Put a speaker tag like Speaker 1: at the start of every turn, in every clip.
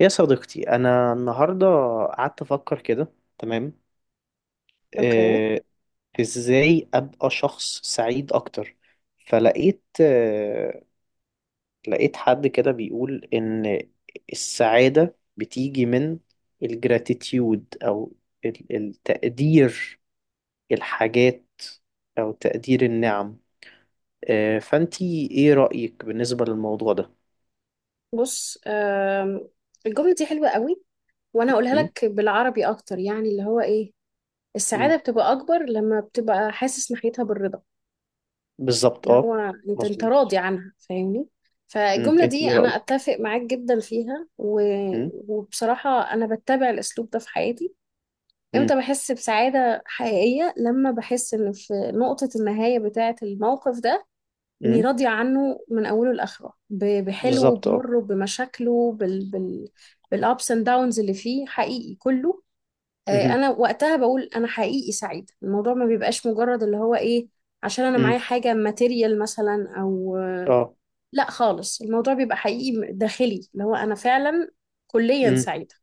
Speaker 1: يا صديقتي، أنا النهاردة قعدت أفكر كده. تمام.
Speaker 2: اوكي.
Speaker 1: آه، إزاي أبقى شخص سعيد أكتر؟ فلقيت آه، لقيت حد كده بيقول إن السعادة بتيجي من الجراتيتيود أو التقدير، الحاجات، أو تقدير النعم. فأنتي إيه رأيك بالنسبة للموضوع ده؟
Speaker 2: بص، الجملة دي حلوة قوي وانا هقولها
Speaker 1: م؟
Speaker 2: لك بالعربي اكتر، يعني اللي هو ايه
Speaker 1: م.
Speaker 2: السعادة بتبقى اكبر لما بتبقى حاسس ناحيتها بالرضا،
Speaker 1: بالظبط
Speaker 2: اللي هو
Speaker 1: أه.
Speaker 2: انت
Speaker 1: مظبوط.
Speaker 2: راضي عنها، فاهمني؟
Speaker 1: م.
Speaker 2: فالجملة
Speaker 1: أنتي
Speaker 2: دي
Speaker 1: إيه
Speaker 2: انا
Speaker 1: رأيك؟
Speaker 2: اتفق معاك جدا فيها
Speaker 1: م؟
Speaker 2: وبصراحة انا بتبع الاسلوب ده في حياتي.
Speaker 1: م.
Speaker 2: امتى بحس بسعادة حقيقية؟ لما بحس ان في نقطة النهاية بتاعة الموقف ده اني
Speaker 1: م.
Speaker 2: راضيه عنه من اوله لاخره، بحلوه
Speaker 1: بالظبط اه.
Speaker 2: بمره بمشاكله بال بالابس اند داونز اللي فيه، حقيقي كله.
Speaker 1: مهم.
Speaker 2: انا وقتها بقول انا حقيقي سعيده. الموضوع ما بيبقاش مجرد اللي هو ايه عشان انا معايا
Speaker 1: مم.
Speaker 2: حاجه ماتيريال مثلا، او آه،
Speaker 1: اه.
Speaker 2: لا خالص، الموضوع بيبقى حقيقي داخلي، اللي هو انا فعلا كليا
Speaker 1: مم.
Speaker 2: سعيده.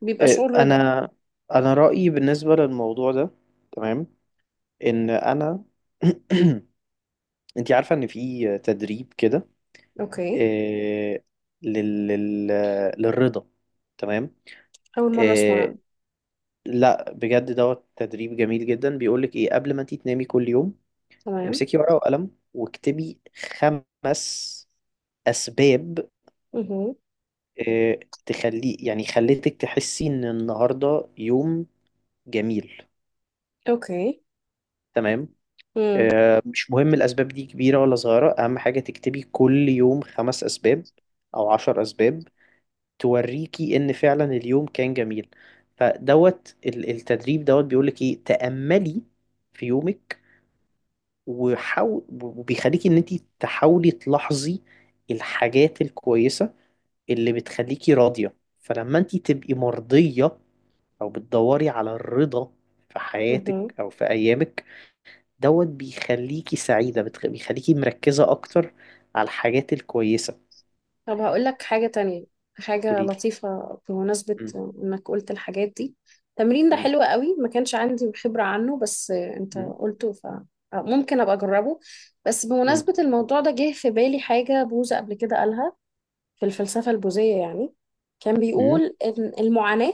Speaker 2: بيبقى
Speaker 1: آه،
Speaker 2: شعور رضا.
Speaker 1: انا انا رأيي بالنسبة للموضوع ده، تمام، ان انا انت عارفة ان في تدريب كده،
Speaker 2: اوكي،
Speaker 1: آه، لل... لل... للرضا. تمام.
Speaker 2: اول مره اسمع
Speaker 1: آه،
Speaker 2: عنه.
Speaker 1: لا بجد دوت تدريب جميل جدا، بيقولك ايه؟ قبل ما انت تنامي كل يوم
Speaker 2: تمام.
Speaker 1: امسكي ورقة وقلم واكتبي 5 اسباب،
Speaker 2: مهم.
Speaker 1: آه، تخلي يعني خلتك تحسي ان النهارده يوم جميل.
Speaker 2: اوكي
Speaker 1: تمام. مش مهم الأسباب دي كبيرة ولا صغيرة، أهم حاجة تكتبي كل يوم 5 أسباب أو 10 أسباب توريكي إن فعلا اليوم كان جميل. فدوت التدريب دوت بيقولك إيه؟ تأملي في يومك، وحاول، وبيخليكي إن أنت تحاولي تلاحظي الحاجات الكويسة اللي بتخليكي راضية. فلما أنت تبقي مرضية أو بتدوري على الرضا في حياتك
Speaker 2: امم
Speaker 1: أو في أيامك، دوت بيخليكي سعيدة، بيخليكي مركزة أكتر على الحاجات الكويسة.
Speaker 2: طب هقول لك حاجة تانية، حاجة
Speaker 1: قوليلي.
Speaker 2: لطيفة بمناسبة
Speaker 1: مم.
Speaker 2: إنك قلت الحاجات دي. التمرين ده
Speaker 1: مم.
Speaker 2: حلو قوي، ما كانش عندي خبرة عنه، بس أنت
Speaker 1: مم.
Speaker 2: قلته فممكن أبقى أجربه. بس
Speaker 1: مم.
Speaker 2: بمناسبة الموضوع ده جه في بالي حاجة بوذا قبل كده قالها في الفلسفة البوذية، يعني كان
Speaker 1: مم.
Speaker 2: بيقول إن المعاناة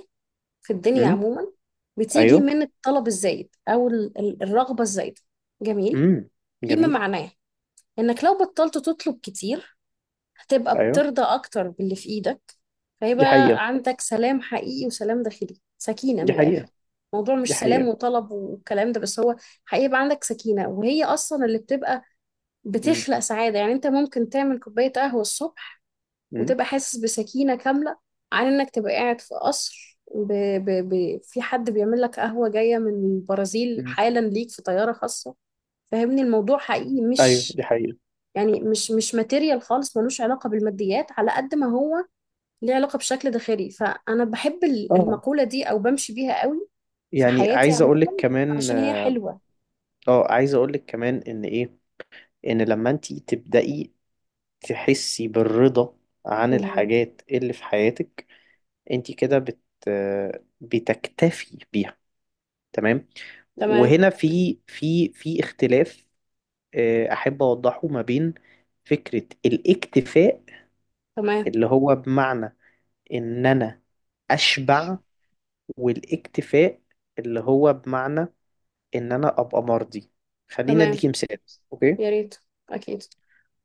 Speaker 2: في الدنيا
Speaker 1: مم.
Speaker 2: عموما بتيجي
Speaker 1: أيوه.
Speaker 2: من الطلب الزايد، أو الرغبة الزايدة. جميل.
Speaker 1: مم.
Speaker 2: فيما
Speaker 1: جميل.
Speaker 2: معناه إنك لو بطلت تطلب كتير، هتبقى
Speaker 1: أيوه،
Speaker 2: بترضى أكتر باللي في إيدك،
Speaker 1: دي
Speaker 2: فيبقى
Speaker 1: حقيقة.
Speaker 2: عندك سلام حقيقي وسلام داخلي، سكينة من
Speaker 1: دي
Speaker 2: الآخر.
Speaker 1: حقيقة.
Speaker 2: الموضوع
Speaker 1: دي
Speaker 2: مش سلام
Speaker 1: حقيقة.
Speaker 2: وطلب والكلام ده، بس هو حقيقي يبقى عندك سكينة، وهي أصلا اللي بتبقى
Speaker 1: مم.
Speaker 2: بتخلق سعادة. يعني أنت ممكن تعمل كوباية قهوة الصبح
Speaker 1: مم.
Speaker 2: وتبقى حاسس بسكينة كاملة عن إنك تبقى قاعد في قصر في حد بيعمل لك قهوة جاية من البرازيل
Speaker 1: مم.
Speaker 2: حالا ليك في طيارة خاصة. فاهمني؟ الموضوع حقيقي
Speaker 1: أيوه
Speaker 2: مش
Speaker 1: دي حقيقة.
Speaker 2: يعني مش مش ماتيريال خالص، ملوش علاقة بالماديات على قد ما هو ليه علاقة بشكل داخلي. فأنا بحب
Speaker 1: اه،
Speaker 2: المقولة دي أو بمشي بيها قوي في
Speaker 1: يعني
Speaker 2: حياتي
Speaker 1: عايز
Speaker 2: عموما،
Speaker 1: أقولك كمان.
Speaker 2: علشان هي حلوة.
Speaker 1: اه، عايز أقولك كمان إن إيه، إن لما أنتي تبدأي تحسي بالرضا عن
Speaker 2: مهم.
Speaker 1: الحاجات اللي في حياتك، أنتي كده بتكتفي بيها. تمام.
Speaker 2: تمام.
Speaker 1: وهنا في اختلاف، احب اوضحه ما بين فكرة الاكتفاء
Speaker 2: تمام.
Speaker 1: اللي هو بمعنى ان انا اشبع، والاكتفاء اللي هو بمعنى ان انا ابقى مرضي. خلينا
Speaker 2: تمام.
Speaker 1: اديكي مثال. اوكي.
Speaker 2: يا ريت. أكيد.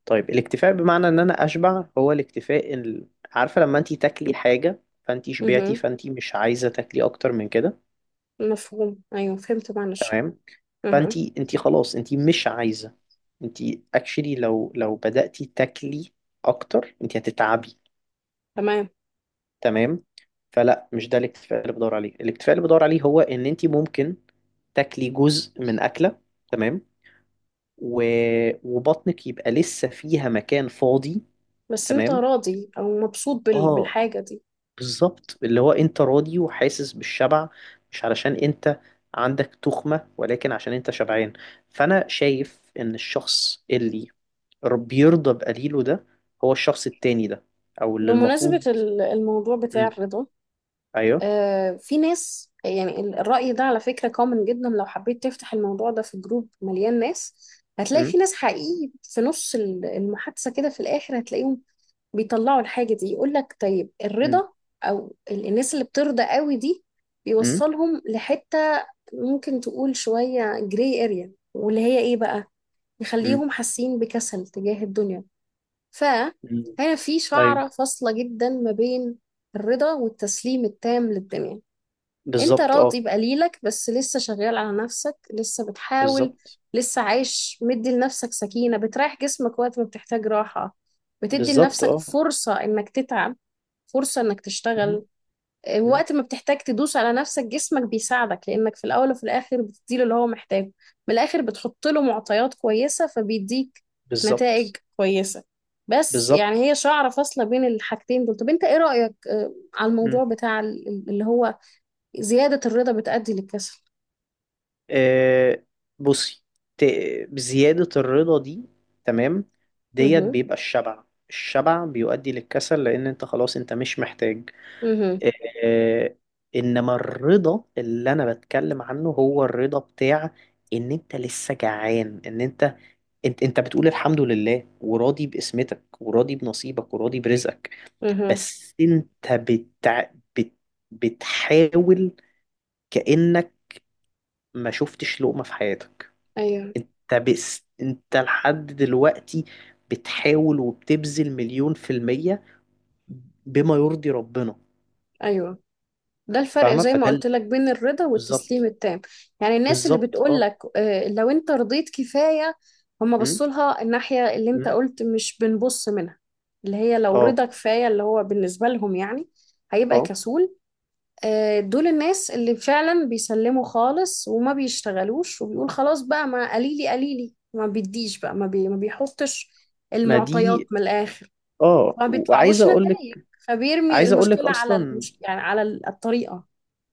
Speaker 1: طيب، الاكتفاء بمعنى ان انا اشبع هو الاكتفاء عارفة لما انتي تاكلي حاجة فانتي شبعتي
Speaker 2: مهم.
Speaker 1: فانتي مش عايزة تاكلي اكتر من كده.
Speaker 2: مفهوم، أيوه، فهمت معنى الشعر.
Speaker 1: تمام. فانت
Speaker 2: مهم.
Speaker 1: انت خلاص انت مش عايزه، انت اكشلي لو بدأتي تاكلي اكتر انت هتتعبي.
Speaker 2: تمام.
Speaker 1: تمام. فلا، مش ده الاكتفاء اللي بدور عليه. الاكتفاء اللي بدور عليه هو ان انت ممكن تاكلي جزء من اكله، تمام، و... وبطنك يبقى لسه فيها مكان فاضي.
Speaker 2: بس أنت
Speaker 1: تمام.
Speaker 2: راضي أو مبسوط
Speaker 1: اه،
Speaker 2: بالحاجة دي.
Speaker 1: بالظبط، اللي هو انت راضي وحاسس بالشبع مش علشان انت عندك تخمة، ولكن عشان انت شبعان. فانا شايف ان الشخص اللي رب يرضى بقليله ده هو الشخص التاني ده، او اللي
Speaker 2: بمناسبة
Speaker 1: المفروض.
Speaker 2: الموضوع بتاع
Speaker 1: مم.
Speaker 2: الرضا،
Speaker 1: ايوه.
Speaker 2: في ناس يعني الرأي ده على فكرة كومن جدا. لو حبيت تفتح الموضوع ده في جروب مليان ناس، هتلاقي
Speaker 1: مم.
Speaker 2: في ناس حقيقي في نص المحادثة، كده في الآخر هتلاقيهم بيطلعوا الحاجة دي، يقول لك طيب
Speaker 1: مم.
Speaker 2: الرضا أو الناس اللي بترضى قوي دي
Speaker 1: مم.
Speaker 2: بيوصلهم لحتة ممكن تقول شوية جراي اريا، واللي هي ايه بقى،
Speaker 1: مم.
Speaker 2: يخليهم حاسين بكسل تجاه الدنيا.
Speaker 1: مم.
Speaker 2: فهنا في
Speaker 1: ايوه.
Speaker 2: شعرة فاصلة جدا ما بين الرضا والتسليم التام للدنيا. انت
Speaker 1: بالظبط اه.
Speaker 2: راضي بقليلك، بس لسه شغال على نفسك، لسه بتحاول،
Speaker 1: بالظبط.
Speaker 2: لسه عايش، مدي لنفسك سكينة بتريح جسمك وقت ما بتحتاج راحة، بتدي
Speaker 1: بالظبط
Speaker 2: لنفسك
Speaker 1: اه.
Speaker 2: فرصة انك تتعب، فرصة انك
Speaker 1: مم.
Speaker 2: تشتغل. اه،
Speaker 1: مم.
Speaker 2: وقت ما بتحتاج تدوس على نفسك جسمك بيساعدك، لانك في الاول وفي الاخر بتديله اللي هو محتاجه. من الاخر بتحط له معطيات كويسة فبيديك نتائج
Speaker 1: بالظبط.
Speaker 2: كويسة. بس
Speaker 1: بالظبط.
Speaker 2: يعني هي شعرة فاصلة بين الحاجتين دول. طب انت ايه رأيك على الموضوع
Speaker 1: مم.
Speaker 2: بتاع اللي هو زيادة الرضا بتؤدي للكسل؟
Speaker 1: آه، بصي. ت... بزيادة الرضا دي، تمام، ديت
Speaker 2: مهم.
Speaker 1: بيبقى الشبع. الشبع بيؤدي للكسل لان انت خلاص انت مش محتاج.
Speaker 2: مهم.
Speaker 1: آه، انما الرضا اللي انا بتكلم عنه هو الرضا بتاع ان انت لسه جعان، ان انت، انت بتقول الحمد لله، وراضي بقسمتك وراضي بنصيبك وراضي برزقك.
Speaker 2: مهم.
Speaker 1: بس انت بت... بتحاول كأنك ما شفتش لقمة في حياتك.
Speaker 2: أيوه.
Speaker 1: انت بس انت لحد دلوقتي بتحاول وبتبذل مليون في المية بما يرضي ربنا.
Speaker 2: أيوه، ده الفرق
Speaker 1: فاهمة.
Speaker 2: زي ما
Speaker 1: فده
Speaker 2: قلت لك بين الرضا والتسليم
Speaker 1: بالظبط.
Speaker 2: التام. يعني الناس اللي
Speaker 1: بالظبط
Speaker 2: بتقول
Speaker 1: اه.
Speaker 2: لك لو أنت رضيت كفاية، هم بصوا لها الناحية اللي أنت
Speaker 1: مم.
Speaker 2: قلت مش بنبص منها، اللي هي لو
Speaker 1: اه.
Speaker 2: رضا كفاية اللي هو بالنسبة لهم يعني هيبقى
Speaker 1: اه
Speaker 2: كسول. دول الناس اللي فعلا بيسلموا خالص وما بيشتغلوش، وبيقول خلاص بقى، ما قليلي قليلي، ما بيديش بقى، ما بيحطش
Speaker 1: ما
Speaker 2: المعطيات
Speaker 1: دي.
Speaker 2: من الآخر،
Speaker 1: اه.
Speaker 2: ما
Speaker 1: وعايز
Speaker 2: بيطلعلوش
Speaker 1: اقول
Speaker 2: نتائج،
Speaker 1: لك
Speaker 2: فبيرمي
Speaker 1: عايز اقول لك
Speaker 2: المشكلة على
Speaker 1: اصلا،
Speaker 2: يعني على الطريقة.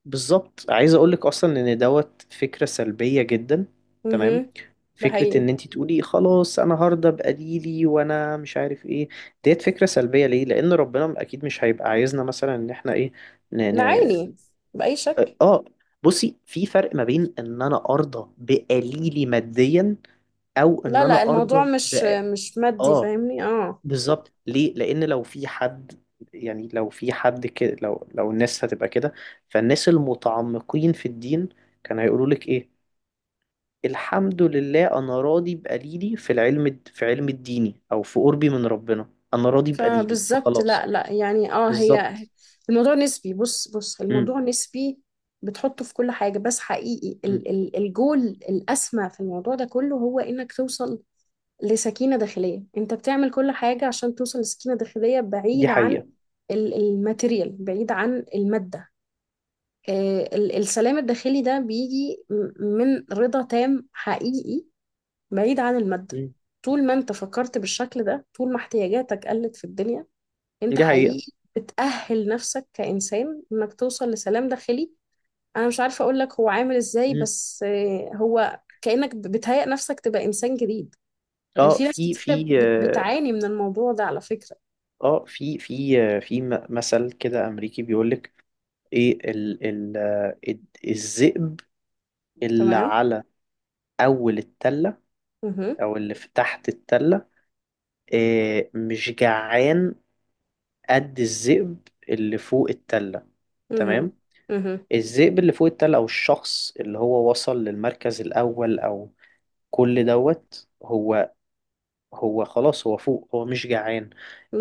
Speaker 1: بالظبط، عايز اقول لك اصلا ان دوت فكرة سلبية جدا. تمام.
Speaker 2: مهم. ده
Speaker 1: فكرة
Speaker 2: حقيقي.
Speaker 1: ان انت تقولي خلاص انا هرضى بقليلي وانا مش عارف ايه، ديت فكرة سلبية. ليه؟ لان ربنا اكيد مش هيبقى عايزنا مثلا ان احنا ايه، ن...
Speaker 2: ده
Speaker 1: ن...
Speaker 2: عيني، بأي شكل.
Speaker 1: اه، بصي، في فرق ما بين ان انا ارضى بقليلي ماديا او ان
Speaker 2: لا
Speaker 1: انا
Speaker 2: لا الموضوع
Speaker 1: ارضى
Speaker 2: مش مش مادي،
Speaker 1: اه
Speaker 2: فاهمني؟ اه.
Speaker 1: بالظبط. ليه؟ لان لو في حد، يعني لو في حد كده، لو لو الناس هتبقى كده، فالناس المتعمقين في الدين كانوا هيقولوا لك ايه؟ الحمد لله انا راضي بقليلي في العلم، في علم الديني او في قربي من ربنا انا راضي بقليلي،
Speaker 2: فبالظبط. لا
Speaker 1: فخلاص.
Speaker 2: لا يعني اه، هي
Speaker 1: بالظبط.
Speaker 2: الموضوع نسبي. بص، بص،
Speaker 1: امم.
Speaker 2: الموضوع نسبي، بتحطه في كل حاجة. بس حقيقي
Speaker 1: أمم.
Speaker 2: ال الجول الأسمى في الموضوع ده كله هو إنك توصل لسكينة داخلية. أنت بتعمل كل حاجة عشان توصل لسكينة داخلية
Speaker 1: دي
Speaker 2: بعيد عن
Speaker 1: حقيقة.
Speaker 2: الماتيريال، بعيد عن المادة. السلام الداخلي ده بيجي من رضا تام حقيقي بعيد عن المادة.
Speaker 1: أمم.
Speaker 2: طول ما انت فكرت بالشكل ده، طول ما احتياجاتك قلت في الدنيا، انت
Speaker 1: دي حقيقة.
Speaker 2: حقيقي بتأهل نفسك كإنسان انك توصل لسلام داخلي. انا مش عارفة اقول لك هو عامل ازاي،
Speaker 1: أمم.
Speaker 2: بس هو كأنك بتهيئ نفسك تبقى إنسان جديد. يعني
Speaker 1: اه.
Speaker 2: في ناس
Speaker 1: في
Speaker 2: كتيرة
Speaker 1: في اه
Speaker 2: بتعاني من الموضوع ده على فكرة.
Speaker 1: آه، في في آه، في مثل كده امريكي بيقول لك ايه ال ال آه، الذئب اللي
Speaker 2: تمام.
Speaker 1: على اول التله
Speaker 2: مهم.
Speaker 1: او اللي في تحت التله، مش جعان قد الذئب اللي فوق التله. تمام.
Speaker 2: مهم. مهم.
Speaker 1: الذئب اللي فوق التله او الشخص اللي هو وصل للمركز الاول، او كل دوت، هو خلاص، هو فوق، هو مش جعان.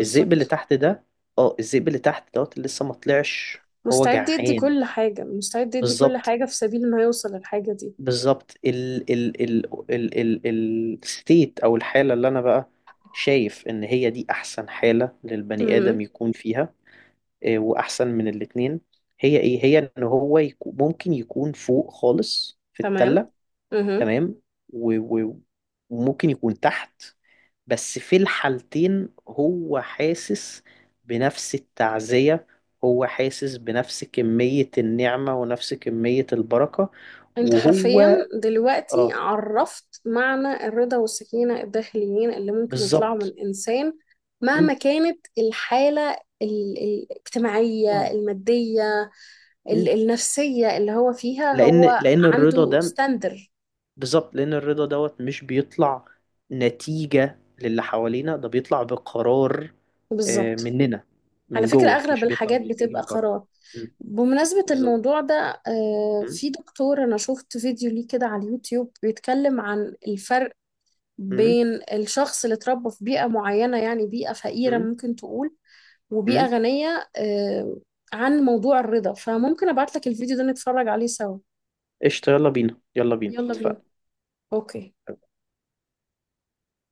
Speaker 1: الذئب اللي تحت ده، اه، الذئب اللي تحت دوت اللي لسه ما طلعش هو
Speaker 2: مستعد يدي
Speaker 1: جعان.
Speaker 2: كل حاجة، مستعد يدي كل
Speaker 1: بالظبط.
Speaker 2: حاجة في سبيل انه يوصل للحاجة دي.
Speaker 1: بالظبط. ال ال ال ال ال الستيت او الحاله اللي انا بقى شايف ان هي دي احسن حاله للبني ادم
Speaker 2: امم.
Speaker 1: يكون فيها. إيه، واحسن من الاتنين هي ايه؟ هي ان هو يكون ممكن يكون فوق خالص في
Speaker 2: تمام.
Speaker 1: التله.
Speaker 2: امم.
Speaker 1: تمام. و- و- وممكن يكون تحت، بس في الحالتين هو حاسس بنفس التعزيه، هو حاسس بنفس كميه النعمه ونفس كميه البركه.
Speaker 2: انت
Speaker 1: وهو
Speaker 2: حرفيا دلوقتي
Speaker 1: اه.
Speaker 2: عرفت معنى الرضا والسكينة الداخليين اللي ممكن يطلعوا من
Speaker 1: بالظبط.
Speaker 2: انسان
Speaker 1: مم.
Speaker 2: مهما كانت الحالة الاجتماعية،
Speaker 1: اه.
Speaker 2: المادية،
Speaker 1: مم.
Speaker 2: النفسية اللي هو فيها.
Speaker 1: لان
Speaker 2: هو
Speaker 1: لان الرضا
Speaker 2: عنده
Speaker 1: ده
Speaker 2: ستاندر.
Speaker 1: بالظبط. لان الرضا دوت مش بيطلع نتيجة للي حوالينا، ده بيطلع بقرار
Speaker 2: بالظبط.
Speaker 1: مننا،
Speaker 2: على
Speaker 1: من
Speaker 2: فكرة
Speaker 1: جوه.
Speaker 2: أغلب
Speaker 1: مش بيطلع،
Speaker 2: الحاجات
Speaker 1: مش بيجي
Speaker 2: بتبقى
Speaker 1: من بره.
Speaker 2: قرار.
Speaker 1: مم.
Speaker 2: بمناسبة
Speaker 1: بالظبط.
Speaker 2: الموضوع ده،
Speaker 1: مم.
Speaker 2: في دكتور أنا شفت فيديو ليه كده على اليوتيوب بيتكلم عن الفرق
Speaker 1: مم.
Speaker 2: بين الشخص اللي اتربى في بيئة معينة، يعني بيئة فقيرة
Speaker 1: مم.
Speaker 2: ممكن تقول، وبيئة
Speaker 1: مم.
Speaker 2: غنية، عن موضوع الرضا. فممكن أبعت لك الفيديو ده نتفرج عليه سوا.
Speaker 1: قشطة، يلا بينا، يلا بينا،
Speaker 2: يلا بينا.
Speaker 1: اتفقنا.
Speaker 2: أوكي.